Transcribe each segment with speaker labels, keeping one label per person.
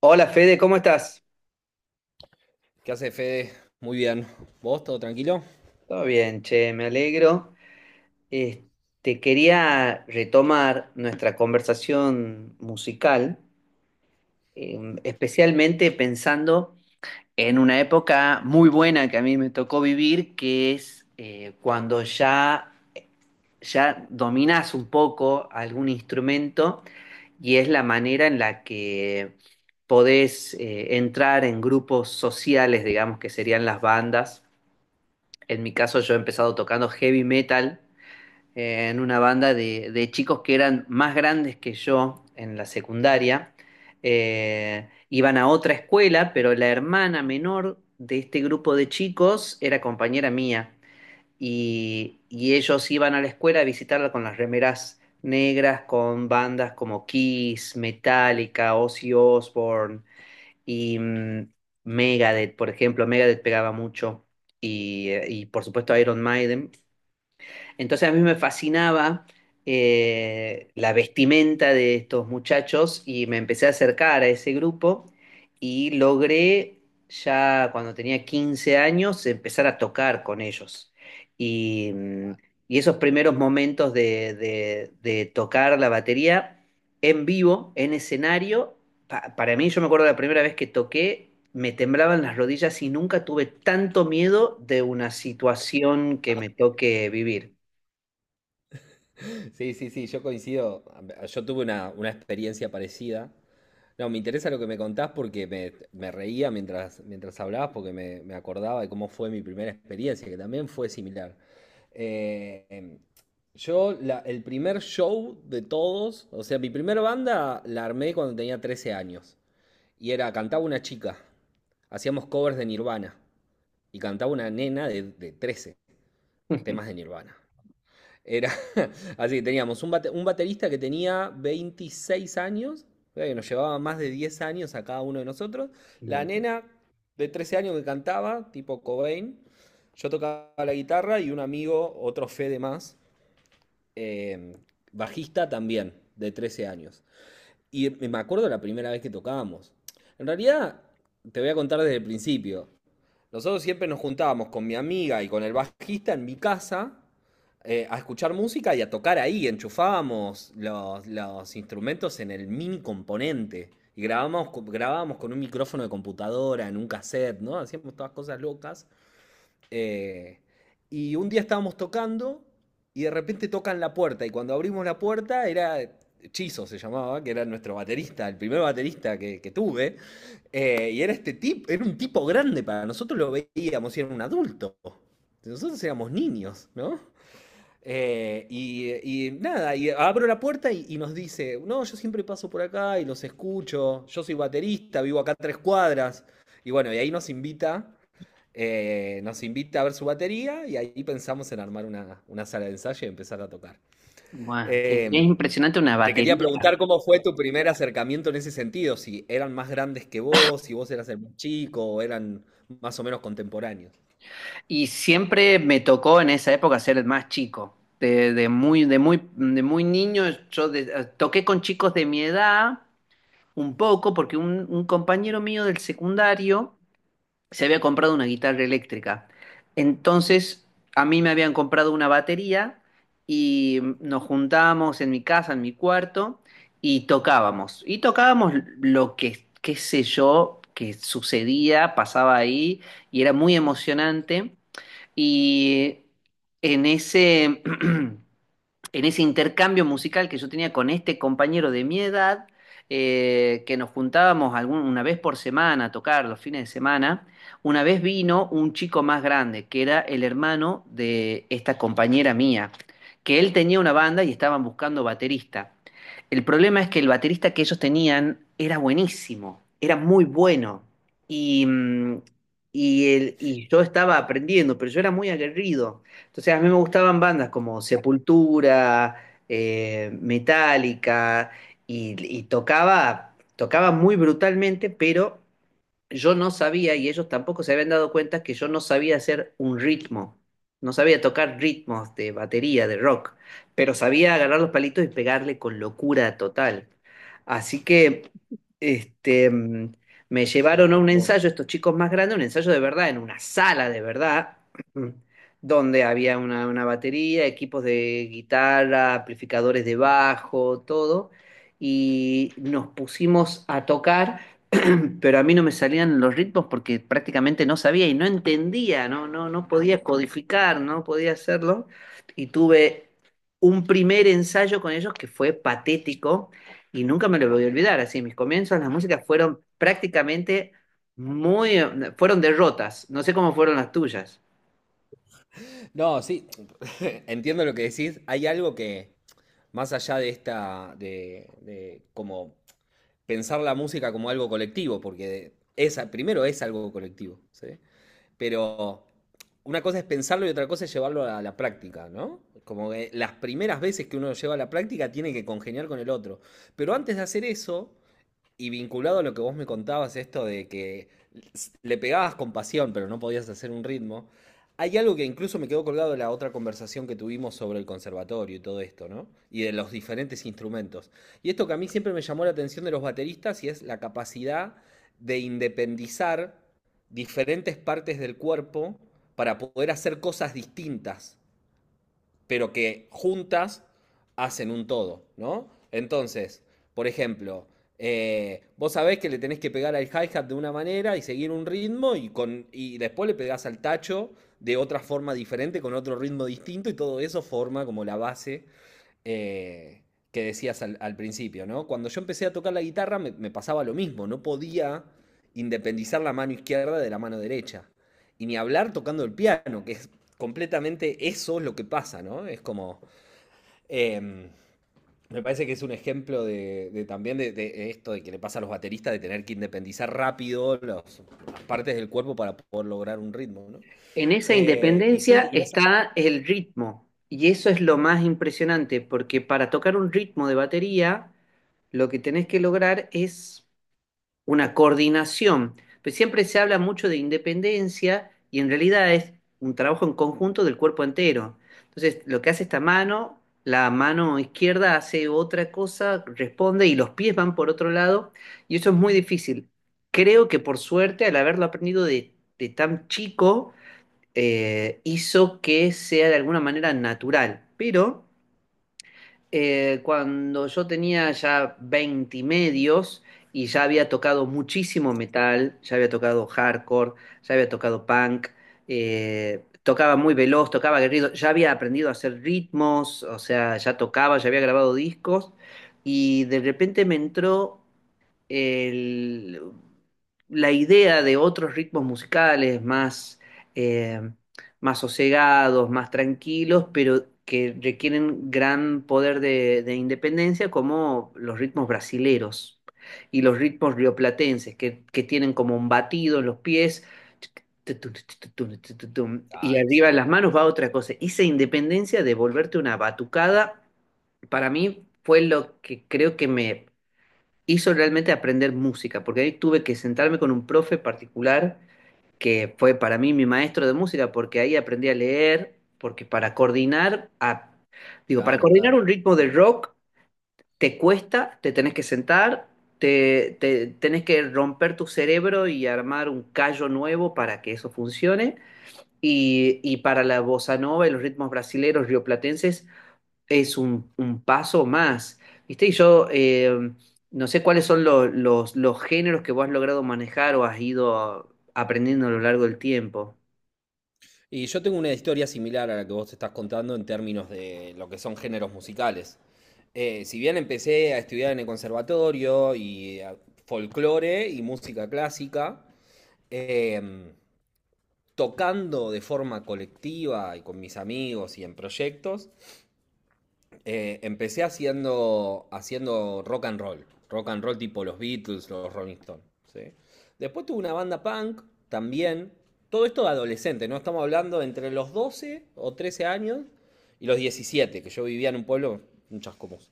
Speaker 1: Hola Fede, ¿cómo estás?
Speaker 2: ¿Qué hace Fede? Muy bien. ¿Vos todo tranquilo?
Speaker 1: Todo bien, che, me alegro. Eh, Te quería retomar nuestra conversación musical, especialmente pensando en una época muy buena que a mí me tocó vivir, que es cuando ya dominás un poco algún instrumento y es la manera en la que podés entrar en grupos sociales, digamos que serían las bandas. En mi caso yo he empezado tocando heavy metal en una banda de chicos que eran más grandes que yo en la secundaria. Iban a otra escuela, pero la hermana menor de este grupo de chicos era compañera mía. Y ellos iban a la escuela a visitarla con las remeras negras, con bandas como Kiss, Metallica, Ozzy Osbourne, y mm, Megadeth, por ejemplo, Megadeth pegaba mucho. Y por supuesto Iron Maiden, entonces a mí me fascinaba la vestimenta de estos muchachos y me empecé a acercar a ese grupo y logré ya cuando tenía 15 años empezar a tocar con ellos. Y, mm, y esos primeros momentos de tocar la batería en vivo, en escenario, para mí yo me acuerdo la primera vez que toqué. Me temblaban las rodillas y nunca tuve tanto miedo de una situación que me toque vivir.
Speaker 2: Sí, sí, sí, yo coincido. Yo tuve una experiencia parecida. No, me interesa lo que me contás porque me reía mientras hablabas, porque me acordaba de cómo fue mi primera experiencia, que también fue similar. Eh, em, yo, el primer show de todos, o sea, mi primera banda la armé cuando tenía 13 años. Y era, cantaba una chica. Hacíamos covers de Nirvana. Y cantaba una nena de 13 temas de Nirvana. Era así, teníamos un baterista que tenía 26 años, o sea, que nos llevaba más de 10 años a cada uno de nosotros, la
Speaker 1: Involucrado.
Speaker 2: nena de 13 años que cantaba, tipo Cobain, yo tocaba la guitarra y un amigo, otro Fede más, eh, bajista también, de 13 años. Y me acuerdo la primera vez que tocábamos. En realidad, te voy a contar desde el principio. Nosotros siempre nos juntábamos con mi amiga y con el bajista en mi casa a escuchar música y a tocar ahí. Enchufábamos los instrumentos en el mini componente y grabábamos, grabábamos con un micrófono de computadora, en un cassette, ¿no? Hacíamos todas cosas locas eh, y un día estábamos tocando y de repente tocan la puerta. Y cuando abrimos la puerta era Chizo, se llamaba, que era nuestro baterista, el primer baterista que tuve. Y era este tipo, era un tipo grande para nosotros, lo veíamos y era un adulto. Nosotros éramos niños, ¿no? Y nada, y abro la puerta y nos dice, no, yo siempre paso por acá y los escucho, yo soy baterista, vivo acá a tres cuadras. Y bueno, y ahí nos invita, nos invita a ver su batería y ahí pensamos en armar una sala de ensayo y empezar a tocar.
Speaker 1: Buah, qué
Speaker 2: Eh,
Speaker 1: impresionante una
Speaker 2: Te quería
Speaker 1: batería.
Speaker 2: preguntar cómo fue tu primer acercamiento en ese sentido, si eran más grandes que vos, si vos eras el más chico o eran más o menos contemporáneos.
Speaker 1: Y siempre me tocó en esa época ser el más chico. De muy niño, toqué con chicos de mi edad un poco, porque un compañero mío del secundario se había comprado una guitarra eléctrica. Entonces, a mí me habían comprado una batería y nos juntábamos en mi casa, en mi cuarto, y tocábamos. Y tocábamos lo que, qué sé yo, que sucedía, pasaba ahí, y era muy emocionante. Y en ese... en ese intercambio musical que yo tenía con este compañero de mi edad, que nos juntábamos una vez por semana a tocar los fines de semana, una vez vino un chico más grande, que era el hermano de esta compañera mía, que él tenía una banda y estaban buscando baterista. El problema es que el baterista que ellos tenían era buenísimo, era muy bueno. Y, mm, y yo estaba aprendiendo, pero yo era muy aguerrido. Entonces a mí me gustaban bandas como Sepultura, Metallica, y tocaba muy brutalmente, pero yo no sabía y ellos tampoco se habían dado cuenta que yo no sabía hacer un ritmo, no sabía tocar ritmos de batería, de rock, pero sabía agarrar los palitos y pegarle con locura total. Así que este, mm, me llevaron a un
Speaker 2: Con vos.
Speaker 1: ensayo, estos chicos más grandes, un ensayo de verdad, en una sala de verdad, donde había una batería, equipos de guitarra, amplificadores de bajo, todo, y nos pusimos a tocar, pero a mí no me salían los ritmos porque prácticamente no sabía y no entendía, no podía codificar, no podía hacerlo. Y tuve un primer ensayo con ellos que fue patético y nunca me lo voy a olvidar. Así, mis comienzos, las músicas fueron prácticamente muy, fueron derrotas. No sé cómo fueron las tuyas.
Speaker 2: No, sí, entiendo lo que decís. Hay algo que, más allá de esta, de como pensar la música como algo colectivo, porque es, primero es algo colectivo, ¿sí? Pero una cosa es pensarlo y otra cosa es llevarlo a la práctica, ¿no? Como que las primeras veces que uno lo lleva a la práctica tiene que congeniar con el otro. Pero antes de hacer eso, y vinculado a lo que vos me contabas, esto de que le pegabas con pasión, pero no podías hacer un ritmo, hay algo que incluso me quedó colgado de la otra conversación que tuvimos sobre el conservatorio y todo esto, ¿no? Y de los diferentes instrumentos. Y esto que a mí siempre me llamó la atención de los bateristas y es la capacidad de independizar diferentes partes del cuerpo para poder hacer cosas distintas pero que juntas hacen un todo, ¿no? Entonces, por ejemplo, vos sabés que le tenés que pegar al hi-hat de una manera y seguir un ritmo y, y después le pegás al tacho de otra forma diferente, con otro ritmo distinto y todo eso forma como la base, eh, que decías al principio, ¿no? Cuando yo empecé a tocar la guitarra me pasaba lo mismo, no podía independizar la mano izquierda de la mano derecha. Y ni hablar tocando el piano, que es completamente eso es lo que pasa, ¿no? Es como... em, me parece que es un ejemplo de esto de que le pasa a los bateristas de tener que independizar rápido las partes del cuerpo para poder lograr un ritmo, ¿no?
Speaker 1: En esa
Speaker 2: Eh, y sí,
Speaker 1: independencia
Speaker 2: y esa-
Speaker 1: está el ritmo y eso es lo más impresionante porque para tocar un ritmo de batería, lo que tenés que lograr es una coordinación. Pero siempre se habla mucho de independencia y en realidad es un trabajo en conjunto del cuerpo entero. Entonces, lo que hace esta mano, la mano izquierda hace otra cosa, responde y los pies van por otro lado y eso es muy difícil. Creo que por suerte, al haberlo aprendido de tan chico, hizo que sea de alguna manera natural, pero cuando yo tenía ya 20 y medios y ya había tocado muchísimo metal, ya había tocado hardcore, ya había tocado punk, tocaba muy veloz, tocaba aguerrido, ya había aprendido a hacer ritmos, o sea, ya tocaba, ya había grabado discos y de repente me entró el- la idea de otros ritmos musicales más, eh, más sosegados, más tranquilos, pero que requieren gran poder de independencia, como los ritmos brasileros y los ritmos rioplatenses, que tienen como un batido en los pies. Y
Speaker 2: Claro,
Speaker 1: arriba en
Speaker 2: sí.
Speaker 1: las manos
Speaker 2: Sí,
Speaker 1: va otra
Speaker 2: sí.
Speaker 1: cosa. Y esa independencia de volverte una batucada, para mí fue lo que creo que hizo realmente aprender música, porque ahí tuve que sentarme con un profe particular que fue para mí mi maestro de música, porque ahí aprendí a leer, porque para coordinar, digo, para
Speaker 2: Claro,
Speaker 1: coordinar
Speaker 2: claro.
Speaker 1: un ritmo de rock te cuesta, te tenés que sentar, tenés que romper tu cerebro y armar un callo nuevo para que eso funcione. Y para la bossa nova y los ritmos brasileños rioplatenses es un paso más, ¿viste? Y yo no sé cuáles son los géneros que vos has logrado manejar o has ido aprendiendo a lo largo del tiempo.
Speaker 2: Y yo tengo una historia similar a la que vos estás contando en términos de lo que son géneros musicales. Si bien empecé a estudiar en el conservatorio folclore y música clásica, em, tocando de forma colectiva y con mis amigos y en proyectos, empecé haciendo rock and roll. Rock and roll tipo los Beatles, los Rolling Stones. ¿Sí? Después tuve una banda punk también. Todo esto de adolescente, ¿no? Estamos hablando de entre los 12 o 13 años y los 17 que yo vivía en un pueblo, un chascomús.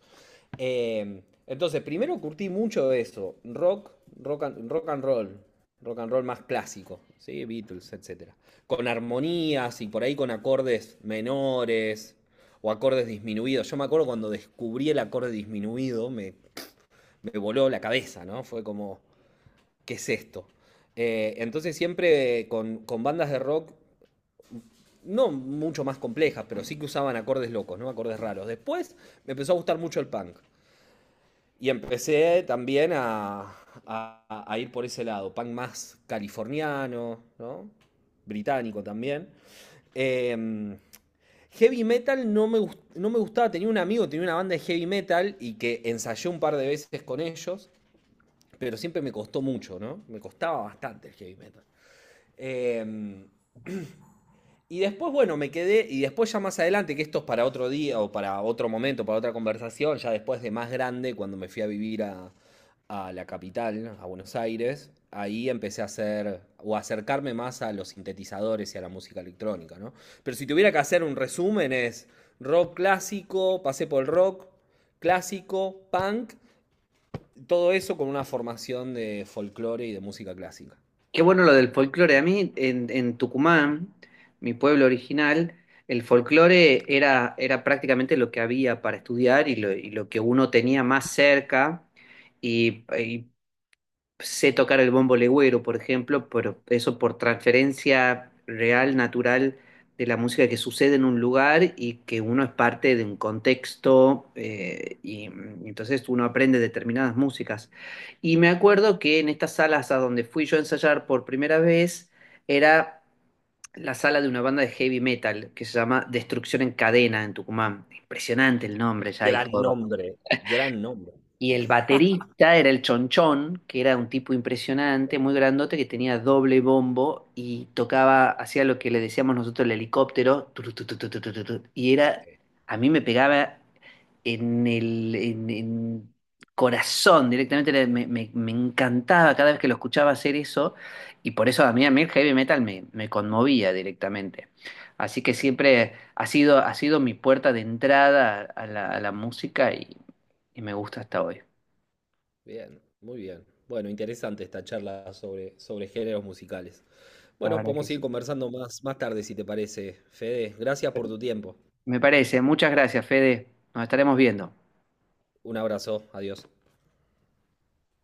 Speaker 2: Entonces, primero curtí mucho de eso. Rock and roll. Rock and roll más clásico, ¿sí? Beatles, etcétera. Con armonías y por ahí con acordes menores, o acordes disminuidos. Yo me acuerdo cuando descubrí el acorde disminuido, me voló la cabeza, ¿no? Fue como, ¿qué es esto? Entonces siempre con bandas de rock, no mucho más complejas, pero sí que usaban acordes locos, ¿no? Acordes raros. Después me empezó a gustar mucho el punk. Y empecé también a ir por ese lado, punk más californiano, ¿no? Británico también. Eh, Heavy metal no me gustaba. Tenía un amigo, tenía una banda de heavy metal y que ensayé un par de veces con ellos, pero siempre me costó mucho, ¿no? Me costaba bastante el heavy metal. Em, y después, bueno, me quedé, y después ya más adelante, que esto es para otro día o para otro momento, para otra conversación, ya después de más grande, cuando me fui a vivir a la capital, a Buenos Aires, ahí empecé a hacer o a acercarme más a los sintetizadores y a la música electrónica, ¿no? Pero si tuviera que hacer un resumen es rock clásico, pasé por el rock clásico, punk, todo eso con una formación de folclore y de música clásica.
Speaker 1: Qué bueno lo del folclore. A mí en Tucumán, mi pueblo original, el folclore era, era prácticamente lo que había para estudiar y lo que uno tenía más cerca. Y sé tocar el bombo legüero, por ejemplo, pero eso por transferencia real, natural de la música que sucede en un lugar y que uno es parte de un contexto entonces uno aprende determinadas músicas. Y me acuerdo que en estas salas a donde fui yo a ensayar por primera vez era la sala de una banda de heavy metal que se llama Destrucción en Cadena en Tucumán. Impresionante el nombre ya y
Speaker 2: Gran
Speaker 1: todo.
Speaker 2: nombre, gran nombre.
Speaker 1: Y el baterista era el Chonchón, que era un tipo impresionante, muy grandote, que tenía doble bombo y tocaba, hacía lo que le decíamos nosotros el helicóptero, turu, tu, tu, tu, tu, tu, tu, tu. Y era, a mí me pegaba en corazón directamente, me encantaba cada vez que lo escuchaba hacer eso, y por eso a mí el heavy metal me conmovía directamente. Así que siempre ha sido mi puerta de entrada a la música y me gusta hasta hoy.
Speaker 2: Bien, muy bien. Bueno, interesante esta charla sobre, sobre géneros musicales.
Speaker 1: La
Speaker 2: Bueno,
Speaker 1: verdad que
Speaker 2: podemos seguir
Speaker 1: sí.
Speaker 2: conversando más tarde si te parece. Fede, gracias por tu tiempo.
Speaker 1: Me parece. Muchas gracias, Fede. Nos estaremos viendo.
Speaker 2: Un abrazo, adiós.